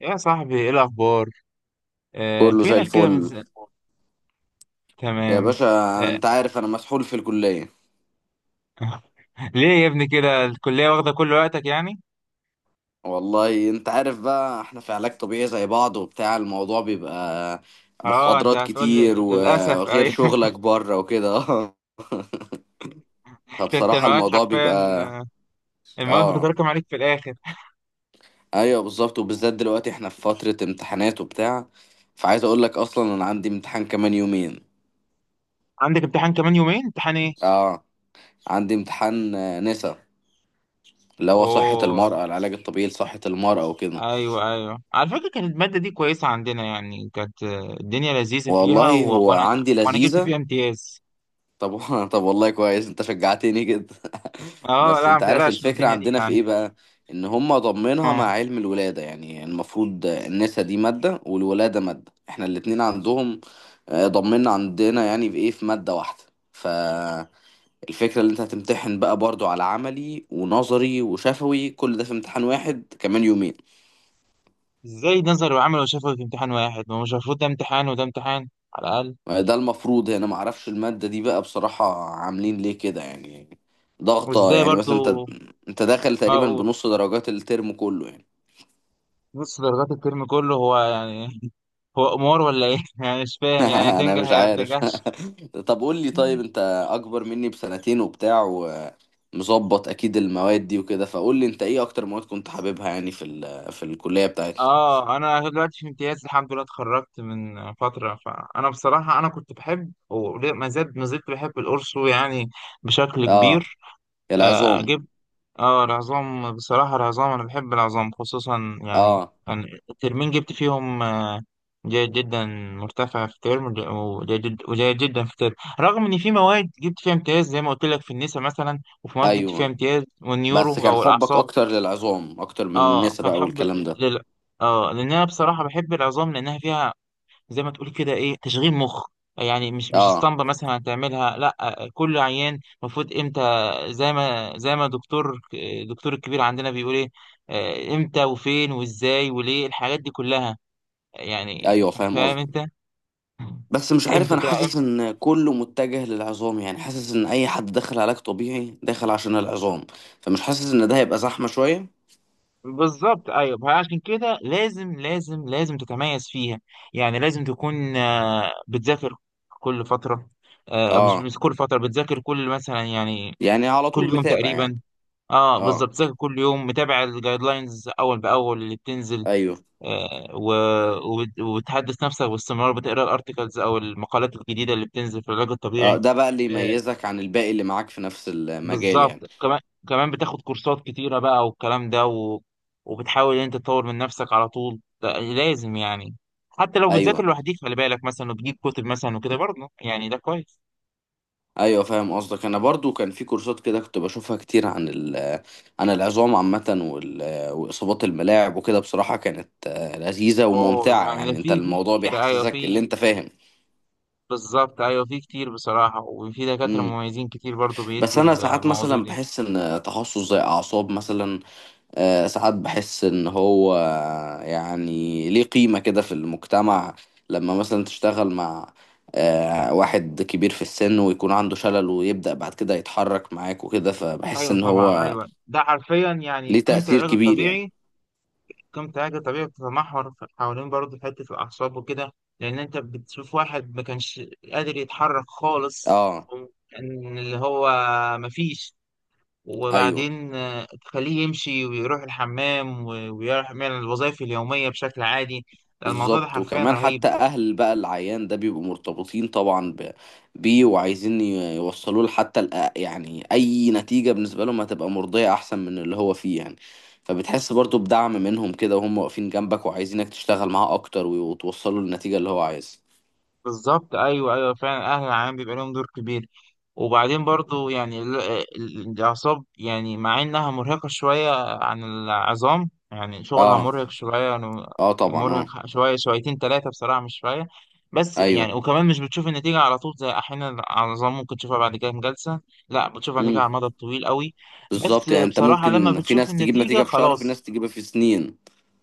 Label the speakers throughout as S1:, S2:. S1: يا صاحبي، ايه الاخبار؟ آه،
S2: كله زي
S1: فينك كده من
S2: الفل
S1: زمان؟
S2: يا
S1: تمام.
S2: باشا.
S1: آه،
S2: انت عارف انا مسحول في الكلية.
S1: ليه يا ابني كده؟ الكليه واخده كل وقتك يعني.
S2: والله انت عارف بقى، احنا في علاج طبيعي زي بعض وبتاع، الموضوع بيبقى
S1: اه، انت
S2: محاضرات
S1: هتقول لي
S2: كتير،
S1: للاسف
S2: وغير
S1: اي
S2: شغلك بره وكده.
S1: انت
S2: فبصراحة
S1: المواد
S2: الموضوع
S1: حرفيا،
S2: بيبقى.
S1: المواد
S2: اه،
S1: بتتراكم عليك في الاخر.
S2: ايوه بالظبط، وبالذات دلوقتي احنا في فترة امتحانات وبتاع. فعايز اقول لك اصلا انا عندي امتحان كمان يومين.
S1: عندك امتحان كمان يومين؟ امتحان ايه؟
S2: اه، عندي امتحان نسا، اللي هو صحة
S1: اوه،
S2: المرأة، العلاج الطبيعي لصحة المرأة وكده.
S1: ايوه، ايوه، على فكره كانت الماده دي كويسه عندنا يعني، كانت الدنيا لذيذه فيها، و...
S2: والله هو
S1: وانا
S2: عندي
S1: وانا جبت
S2: لذيذة.
S1: فيها امتياز.
S2: طب طب والله كويس، انت شجعتني جدا.
S1: اه،
S2: بس
S1: لا
S2: انت
S1: ما
S2: عارف
S1: تقلقش من
S2: الفكرة
S1: الدنيا دي
S2: عندنا في
S1: يعني.
S2: ايه بقى؟ ان هم ضمنها مع
S1: اه،
S2: علم الولادة، يعني المفروض النسا دي مادة والولادة مادة، احنا الاتنين عندهم ضمننا عندنا، يعني في ايه، في مادة واحدة. فالفكرة اللي انت هتمتحن بقى برضو على عملي ونظري وشفوي، كل ده في امتحان واحد كمان يومين.
S1: ازاي ده نظري وعملي وشافوا في امتحان واحد؟ ما هو مش المفروض ده امتحان وده امتحان، على الاقل؟
S2: ده المفروض هنا، ما اعرفش المادة دي بقى بصراحة عاملين ليه كده يعني. ضغطة
S1: وازاي
S2: يعني،
S1: برضو؟
S2: مثلا انت داخل تقريبا
S1: اقول،
S2: بنص درجات الترم كله يعني.
S1: نص درجات الترم كله هو يعني هو قمار ولا ايه؟ يعني مش فاهم، يعني
S2: انا
S1: تنجح
S2: مش
S1: يا ما
S2: عارف.
S1: تنجحش.
S2: طب قول لي طيب، انت اكبر مني بسنتين وبتاع، ومظبط اكيد المواد دي وكده، فقول لي انت ايه اكتر مواد كنت حاببها يعني في الكلية بتاعتك.
S1: اه، انا دلوقتي في امتياز الحمد لله، اتخرجت من فتره، فانا بصراحه انا كنت بحب، وما زلت ما زلت بحب القرص يعني، بشكل
S2: اه،
S1: كبير. آه،
S2: العظام.
S1: اه العظام بصراحة، العظام أنا بحب العظام خصوصا يعني.
S2: اه،
S1: يعني الترمين جبت فيهم جيد جدا، مرتفع في ترم وجيد جدا في ترم، رغم إن في مواد جبت فيها امتياز زي ما قلت لك في النساء مثلا، وفي مواد جبت فيها
S2: ايوه،
S1: امتياز
S2: بس
S1: والنيورو
S2: كان
S1: أو
S2: حبك
S1: الأعصاب.
S2: اكتر للعظام اكتر من
S1: اه
S2: النسا
S1: كان
S2: بقى
S1: حب
S2: والكلام ده.
S1: لل... اه، لأن أنا بصراحة بحب العظام لأنها فيها، زي ما تقول كده، ايه، تشغيل مخ، يعني مش
S2: اه،
S1: اسطمبة مثلا هتعملها، لا كل عيان المفروض امتى، زي ما الدكتور الكبير عندنا بيقول، ايه، امتى وفين وازاي وليه الحاجات دي كلها يعني.
S2: ايوه فاهم
S1: فاهم
S2: قصدي.
S1: انت،
S2: بس مش عارف،
S1: امتى
S2: انا حاسس ان كله متجه للعظام، يعني حاسس ان اي حد داخل علاج طبيعي داخل عشان العظام، فمش حاسس ان ده هيبقى زحمة شوية.
S1: بالظبط، ايوه، عشان كده لازم لازم لازم تتميز فيها، يعني لازم تكون بتذاكر كل فترة. مش
S2: اه،
S1: مش كل فترة، بتذاكر كل، مثلا يعني
S2: يعني على
S1: كل
S2: طول
S1: يوم
S2: متابع يعني.
S1: تقريبا. اه،
S2: اه،
S1: بالظبط، ذاكر كل يوم، متابع الجايد لاينز اول باول اللي بتنزل،
S2: ايوه،
S1: آه و... وبتحدث نفسك باستمرار، بتقرا الارتكلز او المقالات الجديده اللي بتنزل في العلاج
S2: اه،
S1: الطبيعي.
S2: ده بقى اللي
S1: آه،
S2: يميزك عن الباقي اللي معاك في نفس المجال يعني.
S1: بالظبط، كمان كمان بتاخد كورسات كتيره بقى والكلام ده، وبتحاول ان انت تطور من نفسك على طول، ده لازم يعني. حتى لو بتذاكر
S2: ايوه،
S1: لوحدك خلي بالك مثلا، وتجيب كتب مثلا وكده برضه، يعني ده كويس.
S2: ايوه، فاهم قصدك. انا برضو كان في كورسات كده كنت بشوفها كتير عن عن العظام عامة واصابات الملاعب وكده. بصراحة كانت لذيذة
S1: اوه،
S2: وممتعة،
S1: يعني ده
S2: يعني انت
S1: في
S2: الموضوع
S1: كتير، ايوه
S2: بيحسسك اللي
S1: في.
S2: انت فاهم.
S1: بالظبط، ايوه، في كتير بصراحه، وفي دكاتره مميزين كتير برضو
S2: بس
S1: بيدوا
S2: انا ساعات
S1: المواضيع
S2: مثلا
S1: دي.
S2: بحس ان تخصص زي اعصاب مثلا، ساعات بحس ان هو يعني ليه قيمة كده في المجتمع. لما مثلا تشتغل مع واحد كبير في السن ويكون عنده شلل ويبدأ بعد كده يتحرك معاك وكده، فبحس
S1: ايوه
S2: ان
S1: طبعا،
S2: هو
S1: ايوه، ده حرفيا يعني
S2: ليه
S1: قيمه
S2: تأثير
S1: العلاج
S2: كبير يعني.
S1: الطبيعي. قيمه العلاج الطبيعي بتتمحور حوالين برضو حته الاعصاب وكده، لان انت بتشوف واحد ما كانش قادر يتحرك خالص،
S2: اه،
S1: كان اللي هو مفيش،
S2: ايوه
S1: وبعدين تخليه يمشي ويروح الحمام ويعمل الوظائف اليوميه بشكل عادي. الموضوع ده
S2: بالظبط،
S1: حرفيا
S2: وكمان
S1: رهيب.
S2: حتى اهل بقى العيان ده بيبقوا مرتبطين طبعا بيه، وعايزين يوصلوا له حتى يعني اي نتيجة بالنسبة لهم هتبقى مرضية احسن من اللي هو فيه يعني. فبتحس برضو بدعم منهم كده، وهم واقفين جنبك وعايزينك تشتغل معاه اكتر، وتوصله للنتيجة اللي هو عايزها.
S1: بالظبط، ايوه، ايوه، فعلا اهل العام بيبقى لهم دور كبير. وبعدين برضو يعني الاعصاب، يعني مع انها مرهقه شويه عن العظام، يعني شغلها
S2: اه،
S1: مرهق شويه يعني،
S2: اه طبعا، اه،
S1: مرهق شويه شويتين ثلاثه بصراحه، مش شويه. بس يعني
S2: ايوه،
S1: وكمان مش بتشوف النتيجه على طول، زي احيانا العظام ممكن تشوفها بعد كام جلسه، لا بتشوف النتيجه على
S2: امم،
S1: المدى الطويل قوي. بس
S2: بالظبط. يعني انت
S1: بصراحه لما
S2: ممكن في
S1: بتشوف
S2: ناس تجيب
S1: النتيجه،
S2: نتيجة في شهر وفي ناس
S1: خلاص.
S2: تجيبها في سنين.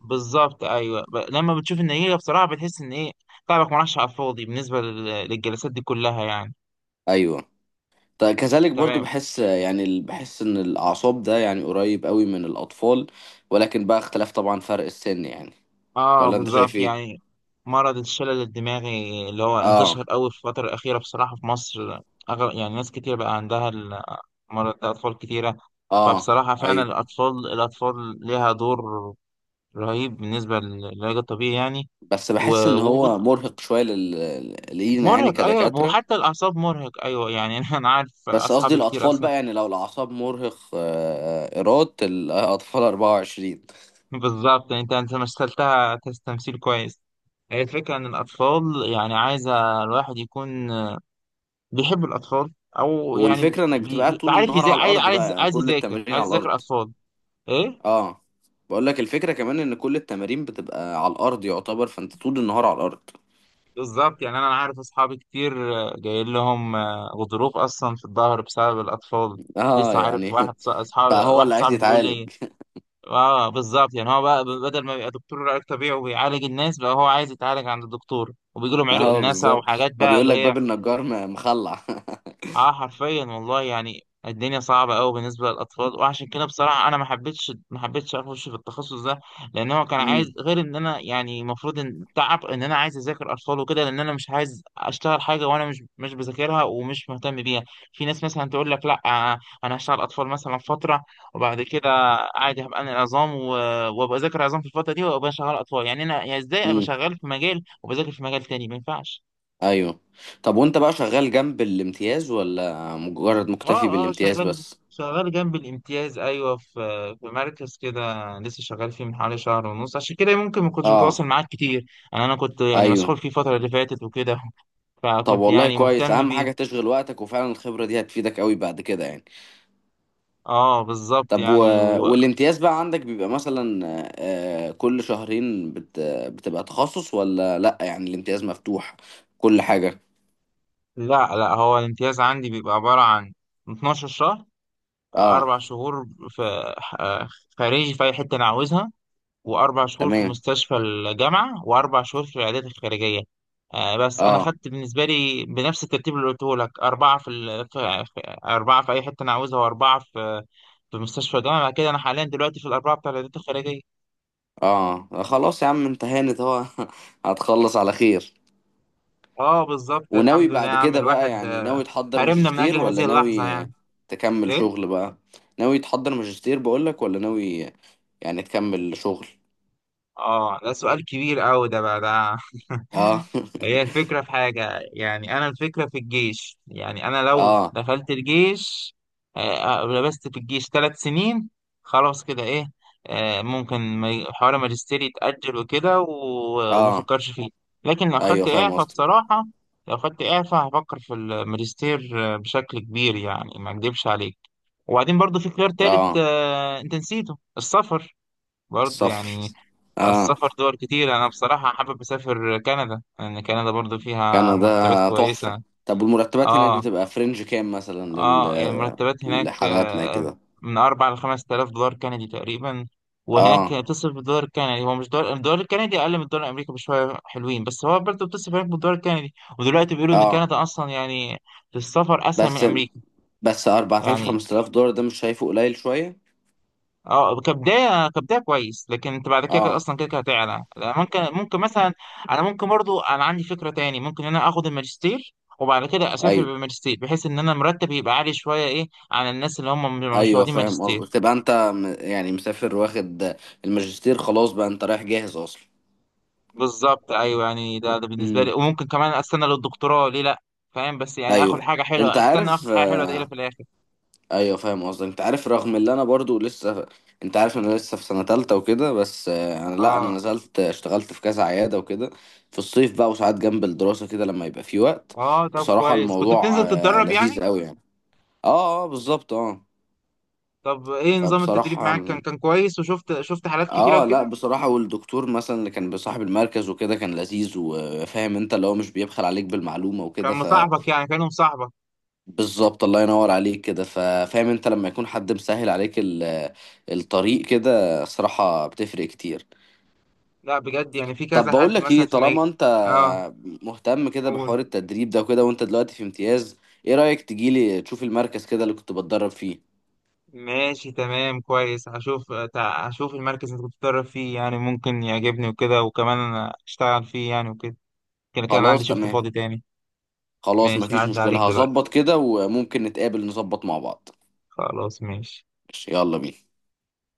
S1: بالظبط، ايوه، لما بتشوف النتيجه بصراحه بتحس ان ايه، تعبك ما راحش على الفاضي بالنسبه للجلسات دي كلها يعني.
S2: ايوه، كذلك برضو،
S1: تمام.
S2: بحس يعني بحس ان الاعصاب ده يعني قريب قوي من الاطفال. ولكن بقى اختلاف طبعا، فرق السن يعني.
S1: اه
S2: ولا انت
S1: بالظبط
S2: شايف ايه؟
S1: يعني، مرض الشلل الدماغي اللي هو
S2: اه،
S1: انتشر قوي في الفتره الاخيره بصراحه في مصر، يعني ناس كتير بقى عندها المرض ده، اطفال كتيره.
S2: اه،
S1: فبصراحه فعلا
S2: ايوه.
S1: الاطفال الاطفال ليها دور رهيب بالنسبه للعلاج الطبيعي يعني.
S2: بس بحس ان
S1: ومرهق.
S2: هو مرهق شويه لينا يعني
S1: ايوه،
S2: كدكاتره.
S1: وحتى الاعصاب مرهق، ايوه يعني انا عارف
S2: بس قصدي
S1: اصحابي كتير
S2: الاطفال
S1: اصلا.
S2: بقى، يعني لو الاعصاب مرهق، ايراد الاطفال 24.
S1: بالظبط، يعني انت مثلتها تمثيل كويس. هي الفكره ان الاطفال، يعني عايزه الواحد يكون بيحب الاطفال، او يعني
S2: والفكره انك بتبقى قاعد طول
S1: عارف
S2: النهار
S1: ازاي،
S2: على
S1: عايز
S2: الارض بقى،
S1: عايز
S2: يعني
S1: عايز
S2: كل
S1: يذاكر
S2: التمارين
S1: عايز
S2: على
S1: يذاكر
S2: الارض.
S1: اطفال. ايه.
S2: اه، بقول لك الفكره كمان ان كل التمارين بتبقى على الارض يعتبر، فانت طول النهار على الارض.
S1: بالظبط، يعني انا عارف اصحابي كتير، جايين لهم غضروف اصلا في الظهر بسبب الاطفال.
S2: اه،
S1: لسه عارف واحد
S2: يعني
S1: ص- اصحابي
S2: بقى هو
S1: واحد
S2: اللي عايز
S1: صاحبي بيقول لي.
S2: يتعالج.
S1: اه بالظبط، يعني هو بقى بدل ما يبقى دكتور علاج طبيعي وبيعالج الناس، بقى هو عايز يتعالج عند الدكتور، وبيجي لهم عرق
S2: اه
S1: الناس
S2: بالظبط،
S1: وحاجات
S2: ما
S1: بقى
S2: بيقول
S1: اللي
S2: لك
S1: هي.
S2: باب النجار مخلع.
S1: اه حرفيا والله يعني، الدنيا صعبة قوي بالنسبة للأطفال، وعشان كده بصراحة أنا ما حبيتش أخش في التخصص ده، لأن هو كان عايز،
S2: امم،
S1: غير إن أنا يعني المفروض إن تعب إن أنا عايز أذاكر أطفال وكده، لأن أنا مش عايز أشتغل حاجة وأنا مش بذاكرها ومش مهتم بيها. في ناس مثلا تقول لك، لا، أنا هشتغل أطفال مثلا فترة، وبعد كده عادي هبقى أنا العظام، وأبقى أذاكر عظام في الفترة دي وأبقى شغال أطفال. يعني أنا، يعني إزاي أبقى
S2: امم،
S1: شغال في مجال وبذاكر في مجال تاني؟ ما ينفعش.
S2: ايوه. طب وانت بقى شغال جنب الامتياز ولا مجرد
S1: اه
S2: مكتفي
S1: اه،
S2: بالامتياز
S1: شغال
S2: بس؟
S1: شغال جنب الامتياز، ايوه، في في مركز كده، لسه شغال فيه من حوالي شهر ونص، عشان كده ممكن ما كنتش
S2: اه،
S1: بتواصل معاك كتير. انا كنت يعني مسحول
S2: ايوه.
S1: فيه الفتره اللي فاتت وكده
S2: طب
S1: فكنت
S2: والله
S1: يعني
S2: كويس،
S1: مهتم
S2: اهم حاجة
S1: بيه.
S2: تشغل وقتك، وفعلا الخبرة دي هتفيدك قوي بعد كده يعني.
S1: اه بالظبط
S2: طب
S1: يعني
S2: والامتياز بقى عندك بيبقى مثلا كل شهرين بتبقى تخصص ولا لا؟ يعني الامتياز مفتوح كل حاجة.
S1: لا لا، هو الامتياز عندي بيبقى عباره عن 12 شهر:
S2: اه،
S1: اربع شهور في آه، خارجي في اي حته انا عاوزها، وأربع شهور في
S2: تمام.
S1: مستشفى الجامعة، وأربع شهور في العيادات الخارجية. بس أنا
S2: اه،
S1: خدت بالنسبة لي بنفس الترتيب اللي قلته لك، أربعة في, ال... في... في أربعة في أي حتة أنا عاوزها، وأربعة في مستشفى الجامعة، بعد كده أنا حاليا دلوقتي في الأربعة بتاع العيادات الخارجية.
S2: اه خلاص يا عم، انت هانت اهو. هتخلص على خير.
S1: أه بالظبط،
S2: وناوي
S1: الحمد لله يا
S2: بعد
S1: عم،
S2: كده بقى،
S1: الواحد
S2: يعني ناوي تحضر
S1: هرمنا من
S2: ماجستير
S1: أجل
S2: ولا
S1: هذه اللحظة
S2: ناوي
S1: يعني.
S2: تكمل
S1: إيه؟
S2: شغل بقى؟ ناوي تحضر ماجستير بقولك، ولا ناوي يعني تكمل شغل؟
S1: اه، ده سؤال كبير قوي ده بقى ده
S2: اه.
S1: هي الفكرة في حاجة يعني، أنا الفكرة في الجيش، يعني أنا لو
S2: اه،
S1: دخلت الجيش، لبست في الجيش ثلاث سنين، خلاص كده، إيه، ممكن حوار ماجستير يتأجل وكده، وما
S2: اه،
S1: أفكرش فيه. لكن لو
S2: ايوه
S1: خدت
S2: فاهم
S1: إعفاء
S2: قصدك.
S1: بصراحة، لو خدت إعفاء هفكر في الماجستير بشكل كبير يعني، ما أكدبش عليك. وبعدين برضو في خيار
S2: اه،
S1: تالت، أنت نسيته، السفر، برضه
S2: السفر.
S1: يعني.
S2: اه،
S1: السفر دول كتير، انا بصراحة حابب اسافر كندا، لان كندا برضو فيها مرتبات
S2: كندا تحفة.
S1: كويسة.
S2: طب والمرتبات هناك
S1: اه
S2: بتبقى فرنج كام مثلا
S1: اه، يعني المرتبات هناك
S2: لحالاتنا كده؟
S1: من اربع لخمس تلاف دولار كندي تقريبا. وهناك
S2: اه،
S1: بتصرف بالدولار الكندي، هو مش دولار، الدولار الكندي اقل من الدولار الامريكي بشوية حلوين، بس هو برضو بتصرف هناك بالدولار الكندي. ودلوقتي بيقولوا ان
S2: اه،
S1: كندا اصلا يعني في السفر اسهل من
S2: بس
S1: امريكا.
S2: بس 4000
S1: يعني
S2: 5000 دولار، ده مش شايفه قليل شوية؟
S1: اه، كبدايه كويس، لكن انت بعد كده كده
S2: اه،
S1: اصلا كده كده هتعلى، لا، ممكن مثلا، انا ممكن برضو، انا عندي فكره تاني، ممكن ان انا اخد الماجستير وبعد كده اسافر
S2: ايوه،
S1: بالماجستير، بحيث ان انا مرتب يبقى عالي شويه، ايه، عن الناس اللي هم مش
S2: ايوه
S1: واخدين
S2: فاهم قصدك.
S1: ماجستير.
S2: تبقى انت يعني مسافر واخد الماجستير خلاص بقى، انت رايح جاهز اصلا.
S1: بالظبط ايوه، يعني ده بالنسبه لي،
S2: امم،
S1: وممكن كمان استنى للدكتوراه، ليه لا؟ فاهم، بس يعني اخد
S2: ايوه.
S1: حاجه
S2: انت
S1: حلوه، استنى اخد
S2: عارف
S1: حاجه حلوه دايره في الاخر.
S2: ايوه فاهم قصدك، انت عارف رغم اللي انا برضو لسه، انت عارف انا لسه في سنة تالتة وكده، بس انا لا، انا
S1: اه
S2: نزلت اشتغلت في كذا عيادة وكده، في الصيف بقى، وساعات جنب الدراسة كده لما يبقى في وقت.
S1: اه، طب
S2: بصراحة
S1: كويس، كنت
S2: الموضوع
S1: بتنزل تتدرب
S2: لذيذ
S1: يعني.
S2: قوي يعني. اه، اه بالظبط، اه،
S1: طب ايه نظام التدريب
S2: فبصراحة،
S1: معاك؟ كان كويس؟ وشفت حالات كتيره
S2: اه لا
S1: وكده؟
S2: بصراحة، والدكتور مثلا اللي كان بصاحب المركز وكده كان لذيذ وفاهم انت، اللي هو مش بيبخل عليك بالمعلومة
S1: كان
S2: وكده.
S1: مصاحبك؟ يعني كانوا مصاحبك؟
S2: فبالظبط، الله ينور عليك كده، ففاهم انت لما يكون حد مسهل عليك الطريق كده، صراحة بتفرق كتير.
S1: لا بجد، يعني في
S2: طب
S1: كذا
S2: بقول
S1: حد
S2: لك ايه،
S1: مثلا في
S2: طالما انت
S1: اه
S2: مهتم كده
S1: قول.
S2: بحوار التدريب ده وكده، وانت دلوقتي في امتياز، ايه رأيك تجيلي تشوف المركز كده اللي كنت بتدرب فيه؟
S1: ماشي تمام كويس، هشوف المركز اللي كنت بتدرب فيه، يعني ممكن يعجبني وكده، وكمان أنا اشتغل فيه يعني وكده. كان عندي
S2: خلاص
S1: شفت
S2: تمام.
S1: فاضي تاني.
S2: خلاص
S1: ماشي،
S2: مفيش
S1: هعدي عليك
S2: مشكلة،
S1: دلوقتي.
S2: هظبط كده وممكن نتقابل نظبط مع بعض.
S1: خلاص ماشي.
S2: ماشي، يلا بينا.